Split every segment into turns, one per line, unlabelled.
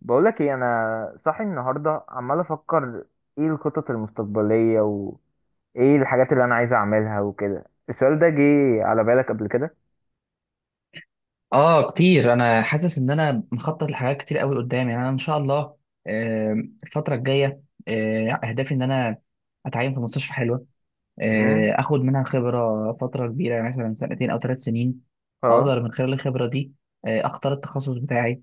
بقولك ايه، انا صاحي النهارده عمال افكر ايه الخطط المستقبليه وايه الحاجات اللي انا عايز اعملها وكده. السؤال ده جه على بالك قبل كده؟
اه، كتير. انا حاسس ان انا مخطط لحاجات كتير قوي قدامي، يعني انا ان شاء الله آه، الفتره الجايه. اهدافي ان انا اتعين في مستشفى حلوه،
امم
اخد منها خبره فتره كبيره، يعني مثلا سنتين او ثلاث سنين.
اه.
اقدر من خلال الخبره دي اختار التخصص بتاعي،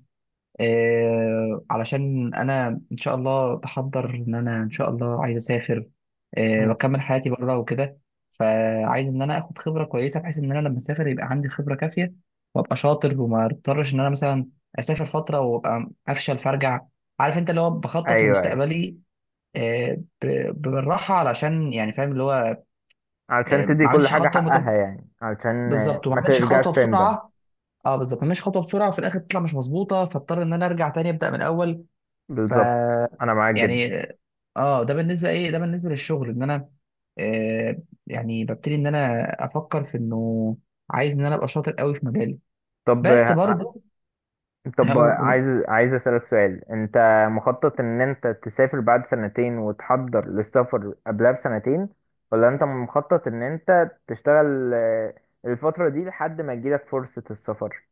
علشان انا ان شاء الله بحضر ان انا ان شاء الله عايز اسافر
مم.
واكمل حياتي بره وكده. فعايز ان انا اخد خبره كويسه، بحيث ان انا لما اسافر يبقى عندي خبره كافيه وابقى شاطر، وما اضطرش ان انا مثلا اسافر فتره وابقى افشل فارجع. عارف انت، اللي هو بخطط
ايوه ايوه،
لمستقبلي، آه، بالراحه، علشان يعني فاهم اللي هو
علشان تدي
ما
كل
اعملش
حاجه
خطوه
حقها،
متز...
يعني علشان
بالظبط، وما
ما
اعملش
ترجعش
خطوه
تندم.
بسرعه. اه بالظبط، ما اعملش خطوه بسرعه وفي الاخر تطلع مش مظبوطه فاضطر ان انا ارجع تاني ابدا من الاول. ف
بالظبط. انا معاك جدا.
يعني، اه ده بالنسبه، ايه ده بالنسبه للشغل. ان انا آه يعني ببتدي ان انا افكر في انه عايز ان انا ابقى شاطر قوي في مجالي،
طب
بس برضه
طب
هقول. قول.
عايز اسألك سؤال. انت مخطط ان انت تسافر بعد سنتين وتحضر للسفر قبلها بسنتين، ولا انت مخطط ان انت تشتغل الفترة دي لحد ما تجيلك فرصة السفر؟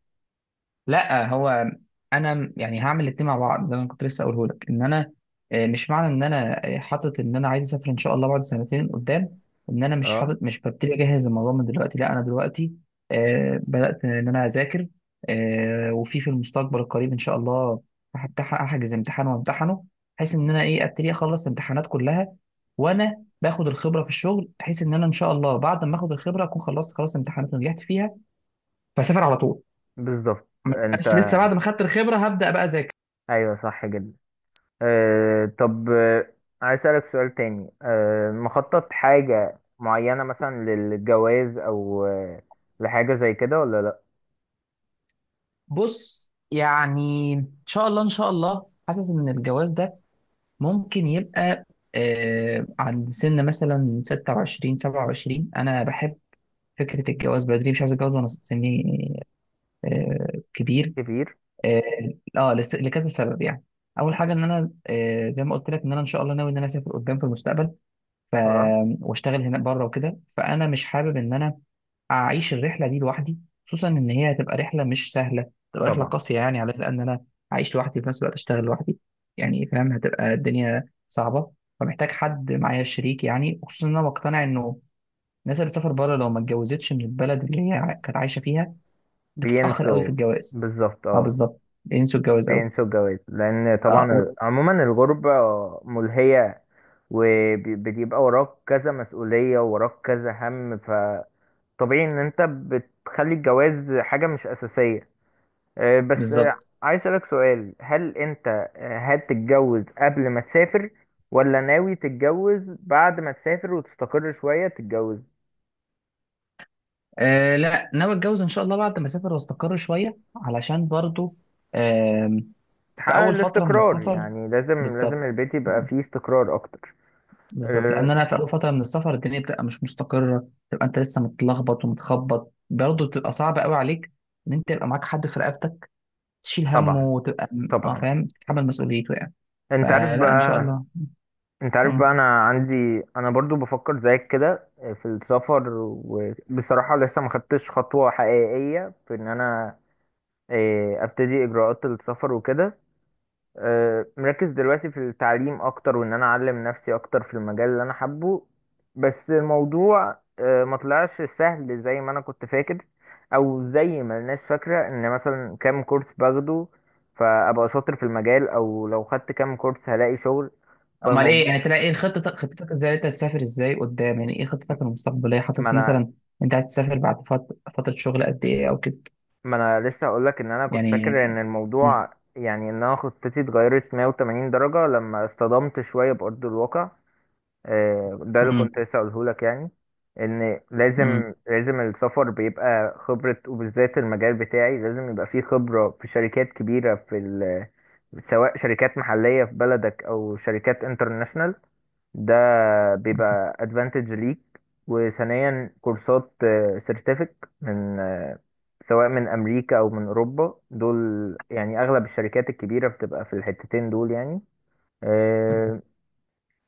لا هو انا يعني هعمل الاتنين مع بعض. ده اللي انا كنت لسه اقوله لك، ان انا مش معنى ان انا حاطط ان انا عايز اسافر ان شاء الله بعد سنتين قدام ان انا مش
اه
حاطط، مش ببتدي اجهز الموضوع من دلوقتي. لا، انا دلوقتي بدات ان انا اذاكر، آه، وفي في المستقبل القريب ان شاء الله هحجز امتحان وامتحنه، بحيث ان انا ايه ابتدي اخلص الامتحانات كلها وانا باخد الخبره في الشغل، بحيث ان انا ان شاء الله بعد ما اخد الخبره اكون خلصت خلاص امتحانات ونجحت فيها فاسافر على طول.
بالظبط.
ما
انت
بقاش لسه بعد ما خدت الخبره هبدا بقى اذاكر.
ايوه صح جدا. طب عايز اسألك سؤال تاني، مخطط حاجة معينة مثلا للجواز او لحاجة زي كده ولا لا؟
بص، يعني ان شاء الله ان شاء الله حاسس ان الجواز ده ممكن يبقى عند سن مثلا 26 27. انا بحب فكره الجواز بدري، مش عايز اتجوز وانا سني كبير.
كبير.
اه، لكذا سبب يعني. اول حاجه ان انا زي ما قلت لك، ان انا ان شاء الله ناوي ان انا اسافر قدام في المستقبل ف
اه
واشتغل هناك بره وكده. فانا مش حابب ان انا اعيش الرحله دي لوحدي، خصوصا ان هي هتبقى رحله مش سهله، تبقى رحله
طبعا.
قاسيه يعني على، لان انا عايش لوحدي في نفس الوقت اشتغل لوحدي، يعني فاهم هتبقى الدنيا صعبه. فمحتاج حد معايا شريك، يعني خصوصا ان انا مقتنع انه الناس اللي سافر بره لو ما اتجوزتش من البلد اللي هي كانت عايشه فيها هتتاخر قوي في
بينسوا.
الجواز.
بالظبط
اه
اه.
بالظبط، بينسوا الجواز قوي.
بينسوا الجواز، لان
اه و-
طبعا عموما الغربة ملهية، وبيبقى وراك كذا مسؤولية وراك كذا هم، فطبيعي ان انت بتخلي الجواز حاجة مش اساسية. بس
بالظبط.
عايز اسألك سؤال، هل انت هتتجوز قبل ما تسافر، ولا ناوي تتجوز بعد ما تسافر وتستقر شوية تتجوز،
لا، ناوي اتجوز ان شاء الله بعد ما اسافر واستقر شويه، علشان برضو آم، في
تحقق
اول فتره من
الاستقرار؟
السفر.
يعني لازم لازم
بالظبط،
البيت يبقى فيه استقرار اكتر.
بالظبط. لان
آه،
انا في اول فتره من السفر الدنيا بتبقى مش مستقره، تبقى انت لسه متلخبط ومتخبط، برضه بتبقى صعبه قوي عليك ان انت يبقى معاك حد في رقبتك تشيل همه
طبعا
وتبقى. اه
طبعا.
فاهم، تتحمل مسؤوليته يعني.
انت عارف
فلا ان شاء
بقى
الله.
انت عارف
مم.
بقى انا عندي، انا برضو بفكر زيك كده في السفر. وبصراحة لسه ما خدتش خطوة حقيقية في ان انا اه، ابتدي اجراءات السفر وكده. اه، مركز دلوقتي في التعليم اكتر، وان انا اعلم نفسي اكتر في المجال اللي انا حابه. بس الموضوع ما طلعش سهل زي ما انا كنت فاكر، او زي ما الناس فاكرة، ان مثلا كام كورس باخده فابقى شاطر في المجال، او لو خدت كام كورس هلاقي شغل.
امال ايه
فالموضوع
يعني؟ تلاقي ايه خطتك؟ خطتك ازاي؟ انت هتسافر ازاي قدام؟ يعني ايه خطتك المستقبليه؟
ما
حاطط
انا
مثلا انت هتسافر بعد فتره شغل قد ايه او كده
ما انا لسه اقول لك، ان انا كنت
يعني؟
فاكر ان
مم.
الموضوع، يعني ان انا خطتي اتغيرت 180 درجة لما اصطدمت شوية بأرض الواقع. ده اللي
مم.
كنت لسه اقوله لك، يعني ان
مم.
لازم لازم السفر بيبقى خبرة، وبالذات المجال بتاعي لازم يبقى فيه خبرة في شركات كبيرة في سواء شركات محلية في بلدك او شركات انترناشونال. ده بيبقى ادفانتج ليك. وثانيا كورسات سيرتيفيك من سواء من امريكا او من اوروبا دول. يعني اغلب الشركات الكبيره بتبقى في الحتتين دول يعني.
مم.
آه،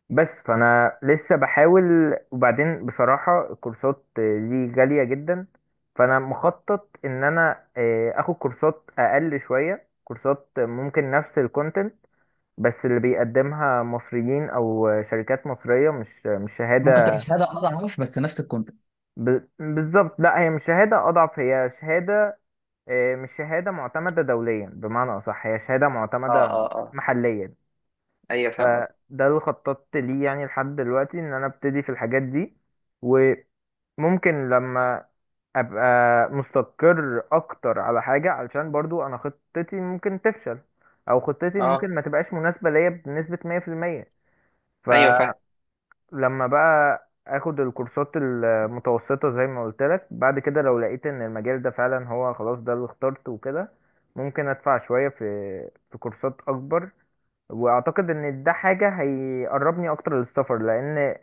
بس فانا لسه بحاول. وبعدين بصراحه الكورسات دي غاليه جدا، فانا مخطط ان انا اخد كورسات اقل شويه، كورسات ممكن نفس الكونتنت بس اللي بيقدمها مصريين او شركات مصريه، مش
ممكن تبقى
شهاده.
شهاده اضعف، بس نفس الكونت.
بالظبط، لا هي مش شهاده اضعف، هي شهاده مش شهاده معتمده دوليا، بمعنى اصح هي شهاده
اه
معتمده
اه اه،
محليا.
ايوه فاهم قصدك.
فده اللي خططت ليه يعني لحد دلوقتي، ان انا ابتدي في الحاجات دي. وممكن لما ابقى مستقر اكتر على حاجه، علشان برضو انا خطتي ممكن تفشل، او خطتي
اه،
ممكن ما تبقاش مناسبه ليا بنسبه 100%.
ايوه فاهم.
لما بقى اخد الكورسات المتوسطة زي ما قلت لك، بعد كده لو لقيت ان المجال ده فعلا هو، خلاص ده اللي اخترته وكده، ممكن ادفع شوية في كورسات اكبر. واعتقد ان ده حاجة هيقربني اكتر للسفر، لان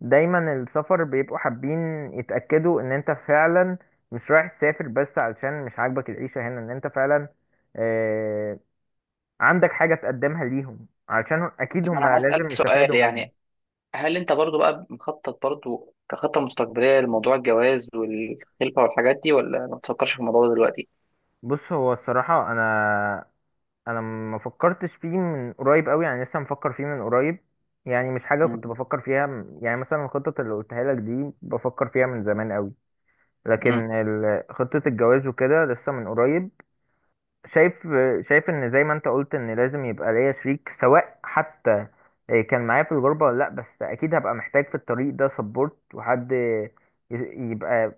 دايما السفر بيبقوا حابين يتأكدوا ان انت فعلا مش رايح تسافر بس علشان مش عاجبك العيشة هنا، ان انت فعلا آه، عندك حاجة تقدمها ليهم، علشان اكيد هم
انا هسألك
لازم
سؤال،
يستفادوا منك.
يعني هل انت برضو بقى مخطط برضو كخطة مستقبلية لموضوع الجواز والخلفة والحاجات دي، ولا ما تفكرش في الموضوع ده دلوقتي؟
بص، هو الصراحة أنا، أنا ما فكرتش فيه من قريب أوي، يعني لسه مفكر فيه من قريب. يعني مش حاجة
مم.
كنت بفكر فيها، يعني مثلا الخطط اللي قلتها لك دي بفكر فيها من زمان أوي.
مم.
لكن خطة الجواز وكده لسه من قريب. شايف شايف إن زي ما أنت قلت، إن لازم يبقى ليا شريك، سواء حتى إيه كان معايا في الغربة ولا لأ، بس أكيد هبقى محتاج في الطريق ده سبورت، وحد يبقى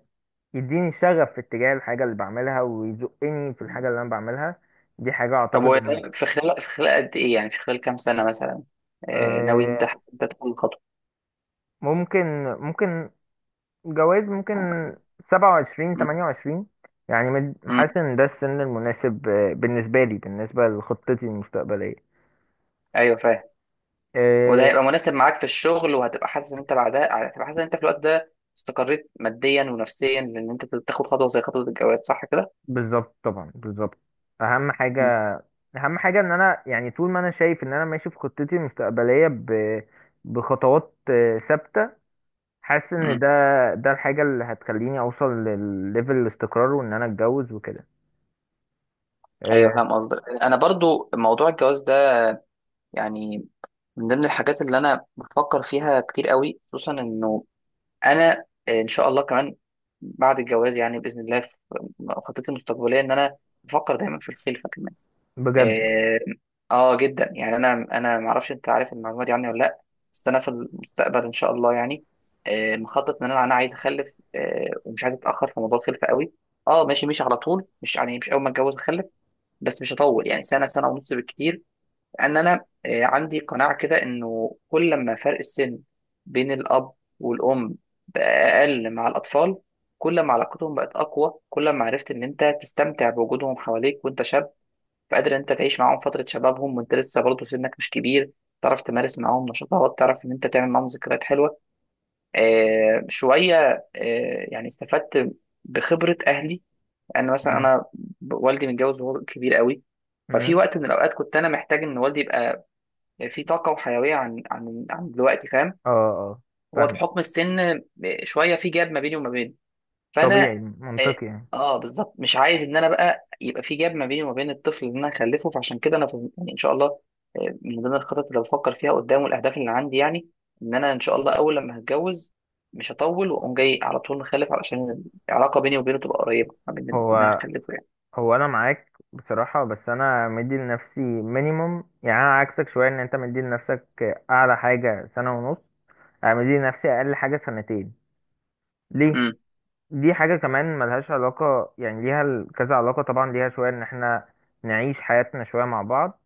يديني شغف في اتجاه الحاجة اللي بعملها، ويزقني في الحاجة اللي أنا بعملها. دي حاجة
طب هو
أعتقد إن
يعني في خلال، في خلال قد ايه؟ يعني في خلال كام سنة مثلا ناوي انت،
آه،
انت تاخد الخطوة؟
ممكن. جواز ممكن سبعة وعشرين
مم.
تمانية وعشرين يعني
مم.
حاسس إن ده السن المناسب بالنسبة لي، بالنسبة لخطتي المستقبلية.
ايوه فاهم. وده
آه،
هيبقى مناسب معاك في الشغل، وهتبقى حاسس ان انت بعدها هتبقى حاسس ان انت في الوقت ده استقريت ماديا ونفسيا لان انت تاخد خطوة زي خطوة الجواز، صح كده؟
بالظبط طبعا بالظبط. أهم
مم.
حاجة، أهم حاجة إن أنا، يعني طول ما أنا شايف إن أنا ماشي في خطتي المستقبلية بخطوات ثابتة، حاسس ان
مم.
ده الحاجة اللي هتخليني اوصل للليفل الاستقرار، وان انا اتجوز وكده.
ايوه
أه.
فاهم قصدك. انا برضو موضوع الجواز يعني من ضمن الحاجات اللي انا بفكر فيها كتير قوي، خصوصا انه انا ان شاء الله كمان بعد الجواز يعني باذن الله في خطتي المستقبليه ان انا بفكر دايما في الخلفه كمان.
بجد.
اه، آه جدا يعني. انا ما اعرفش انت عارف المعلومه دي عني ولا لا، بس انا في المستقبل ان شاء الله يعني مخطط ان انا، انا عايز اخلف ومش عايز اتاخر في موضوع الخلفه قوي. اه ماشي، مش على طول، مش يعني مش اول ما اتجوز اخلف، بس مش هطول، يعني سنه، سنه ونص بالكتير. ان انا عندي قناعه كده انه كل ما فرق السن بين الاب والام بقى اقل مع الاطفال، كل ما علاقتهم بقت اقوى، كل ما عرفت ان انت تستمتع بوجودهم حواليك وانت شاب، فقادر ان انت تعيش معاهم فتره شبابهم وانت لسه برضه سنك مش كبير، تعرف تمارس معاهم نشاطات، تعرف ان انت تعمل معاهم ذكريات حلوه. شويه يعني استفدت بخبره اهلي. انا مثلا،
مم.
والدي متجوز وهو كبير قوي. ففي
مم.
وقت من الاوقات كنت انا محتاج ان والدي يبقى في طاقه وحيويه عن دلوقتي، فاهم.
اه اه
هو
فاهم.
بحكم السن شويه في جاب ما بيني وما بينه، فانا
طبيعي
اه
منطقي يعني.
بالظبط مش عايز ان انا بقى يبقى في جاب ما بيني وما بين الطفل اللي انا هخلفه. فعشان كده انا يعني ان شاء الله من ضمن الخطط اللي بفكر فيها قدام والاهداف اللي عندي، يعني ان انا ان شاء الله اول لما هتجوز مش هطول واقوم جاي على طول مخلف، علشان العلاقه بيني وبينه تبقى قريبه ما بين ان انا
هو
اخلفه يعني.
هو انا معاك بصراحة، بس انا مدي لنفسي مينيموم، يعني انا عكسك شوية. ان انت مدي لنفسك اعلى حاجة سنة ونص، انا مدي لنفسي اقل حاجة سنتين. ليه؟
امم.
دي حاجة كمان ملهاش علاقة، يعني ليها كذا علاقة، طبعا ليها شوية ان احنا نعيش حياتنا شوية مع بعض.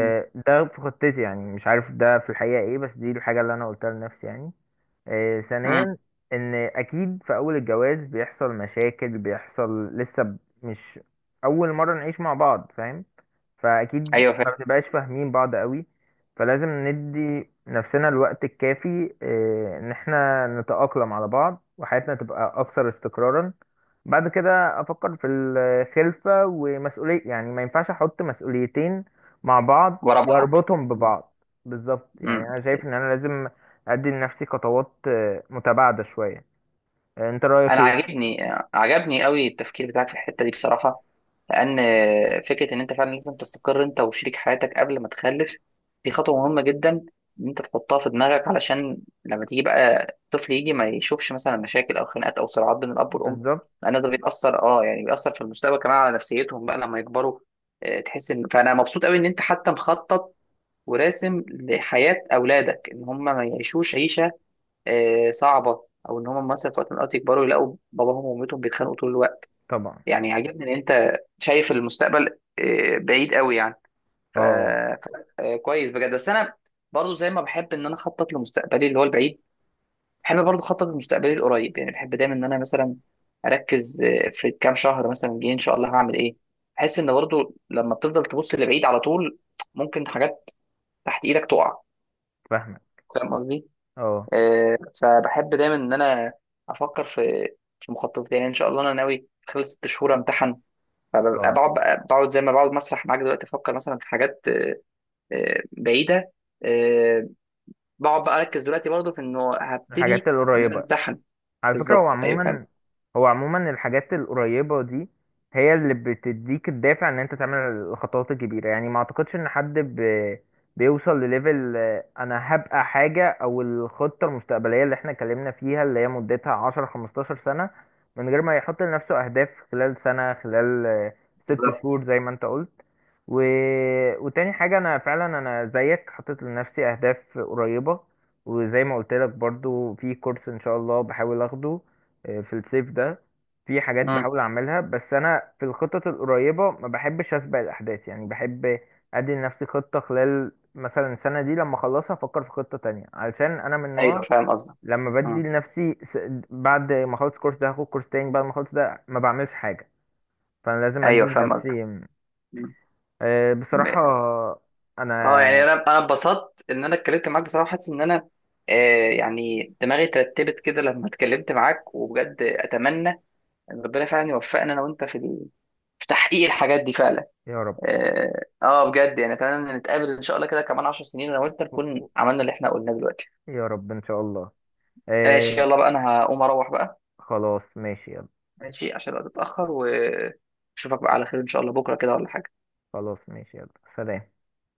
امم.
ده في خطتي، يعني مش عارف ده في الحقيقة ايه، بس دي الحاجة اللي انا قلتها لنفسي يعني.
أمم.
ثانيا، ان اكيد في اول الجواز بيحصل مشاكل، بيحصل لسه مش اول مرة نعيش مع بعض، فاهم، فاكيد
ايوه
ما
فاهم.
بنبقاش فاهمين بعض قوي. فلازم ندي نفسنا الوقت الكافي ان احنا نتأقلم على بعض وحياتنا تبقى اكثر استقرارا. بعد كده افكر في الخلفة ومسؤولية، يعني ما ينفعش احط مسؤوليتين مع بعض
ورا بعض.
واربطهم ببعض. بالظبط.
امم.
يعني انا شايف ان انا لازم ادي لنفسي خطوات متباعده شويه. انت رايك
انا
ايه؟
عاجبني، عجبني قوي التفكير بتاعك في الحته دي بصراحه، لان فكره ان انت فعلا لازم تستقر انت وشريك حياتك قبل ما تخلف دي خطوه مهمه جدا ان انت تحطها في دماغك، علشان لما تيجي بقى الطفل يجي ما يشوفش مثلا مشاكل او خناقات او صراعات بين الاب والام،
بالظبط
لان ده بيأثر، اه يعني بيأثر في المستقبل كمان على نفسيتهم بقى لما يكبروا. تحس ان، فانا مبسوط قوي ان انت حتى مخطط وراسم لحياه اولادك ان هم ما يعيشوش عيشه صعبه، او ان هم مثلا في وقت من الاوقات يكبروا يلاقوا باباهم ومامتهم بيتخانقوا طول الوقت.
طبعا.
يعني عاجبني ان انت شايف المستقبل بعيد قوي يعني. ف...
اه
ف... آه، كويس بجد. بس انا برضو زي ما بحب ان انا اخطط لمستقبلي اللي هو البعيد، بحب برضو اخطط لمستقبلي القريب. يعني بحب دايما ان انا مثلا اركز في كام شهر مثلا جاي ان شاء الله هعمل ايه. بحس ان برضو لما بتفضل تبص لبعيد على طول ممكن حاجات تحت ايدك تقع،
فاهمك.
فاهم قصدي.
اه
فبحب دايما ان انا افكر في، في مخططات، يعني ان شاء الله انا ناوي خلال ست شهور امتحن. فببقى
اه،
بقعد بقى، زي ما بقعد مسرح معاك دلوقتي افكر مثلا في حاجات بعيده. آه، بقعد بقى اركز دلوقتي برضه في انه
الحاجات
هبتدي ان انا
القريبه.
امتحن.
على فكرة، هو
بالظبط، ايوه فاهم.
عموما، هو عموما الحاجات القريبة دي هي اللي بتديك الدافع ان انت تعمل الخطوات الكبيرة. يعني ما اعتقدش ان حد بيوصل لليفل انا هبقى حاجة، او الخطة المستقبلية اللي احنا اتكلمنا فيها اللي هي مدتها 10 15 سنة، من غير ما يحط لنفسه اهداف خلال سنة خلال ست
بالظبط.
شهور زي ما انت قلت. و... وتاني حاجة، انا فعلا انا زيك حطيت لنفسي اهداف قريبة، وزي ما قلت لك برضو في كورس ان شاء الله بحاول اخده في الصيف ده. في حاجات
مم.
بحاول اعملها. بس انا في الخطط القريبة ما بحبش اسبق الاحداث، يعني بحب ادي لنفسي خطة خلال مثلا السنة دي، لما اخلصها افكر في خطة تانية، علشان انا من
ايوه
نوع
فاهم قصدك.
لما بدي
مم.
لنفسي بعد ما اخلص الكورس ده هاخد كورس تاني، بعد ما اخلص ده ما بعملش حاجة، فانا لازم ادي
ايوه فاهم قصدك.
لنفسي.
مم.
بصراحة
اه يعني
انا.
انا اتبسطت ان انا اتكلمت معاك بصراحه. حاسس ان انا يعني دماغي ترتبت كده لما اتكلمت معاك، وبجد اتمنى يعني ربنا فعلا يوفقنا انا وانت في في تحقيق الحاجات دي فعلا.
يا رب.
اه بجد يعني اتمنى ان نتقابل ان شاء الله كده كمان 10 سنين انا وانت نكون عملنا اللي احنا قلناه دلوقتي.
يا رب ان شاء الله.
ماشي،
آه،
يلا بقى انا هقوم اروح بقى.
خلاص ماشي.
ماشي، عشان الوقت اتاخر، واشوفك بقى على خير ان شاء الله بكره كده ولا حاجه.
خلاص ماشي، يلا. سلام.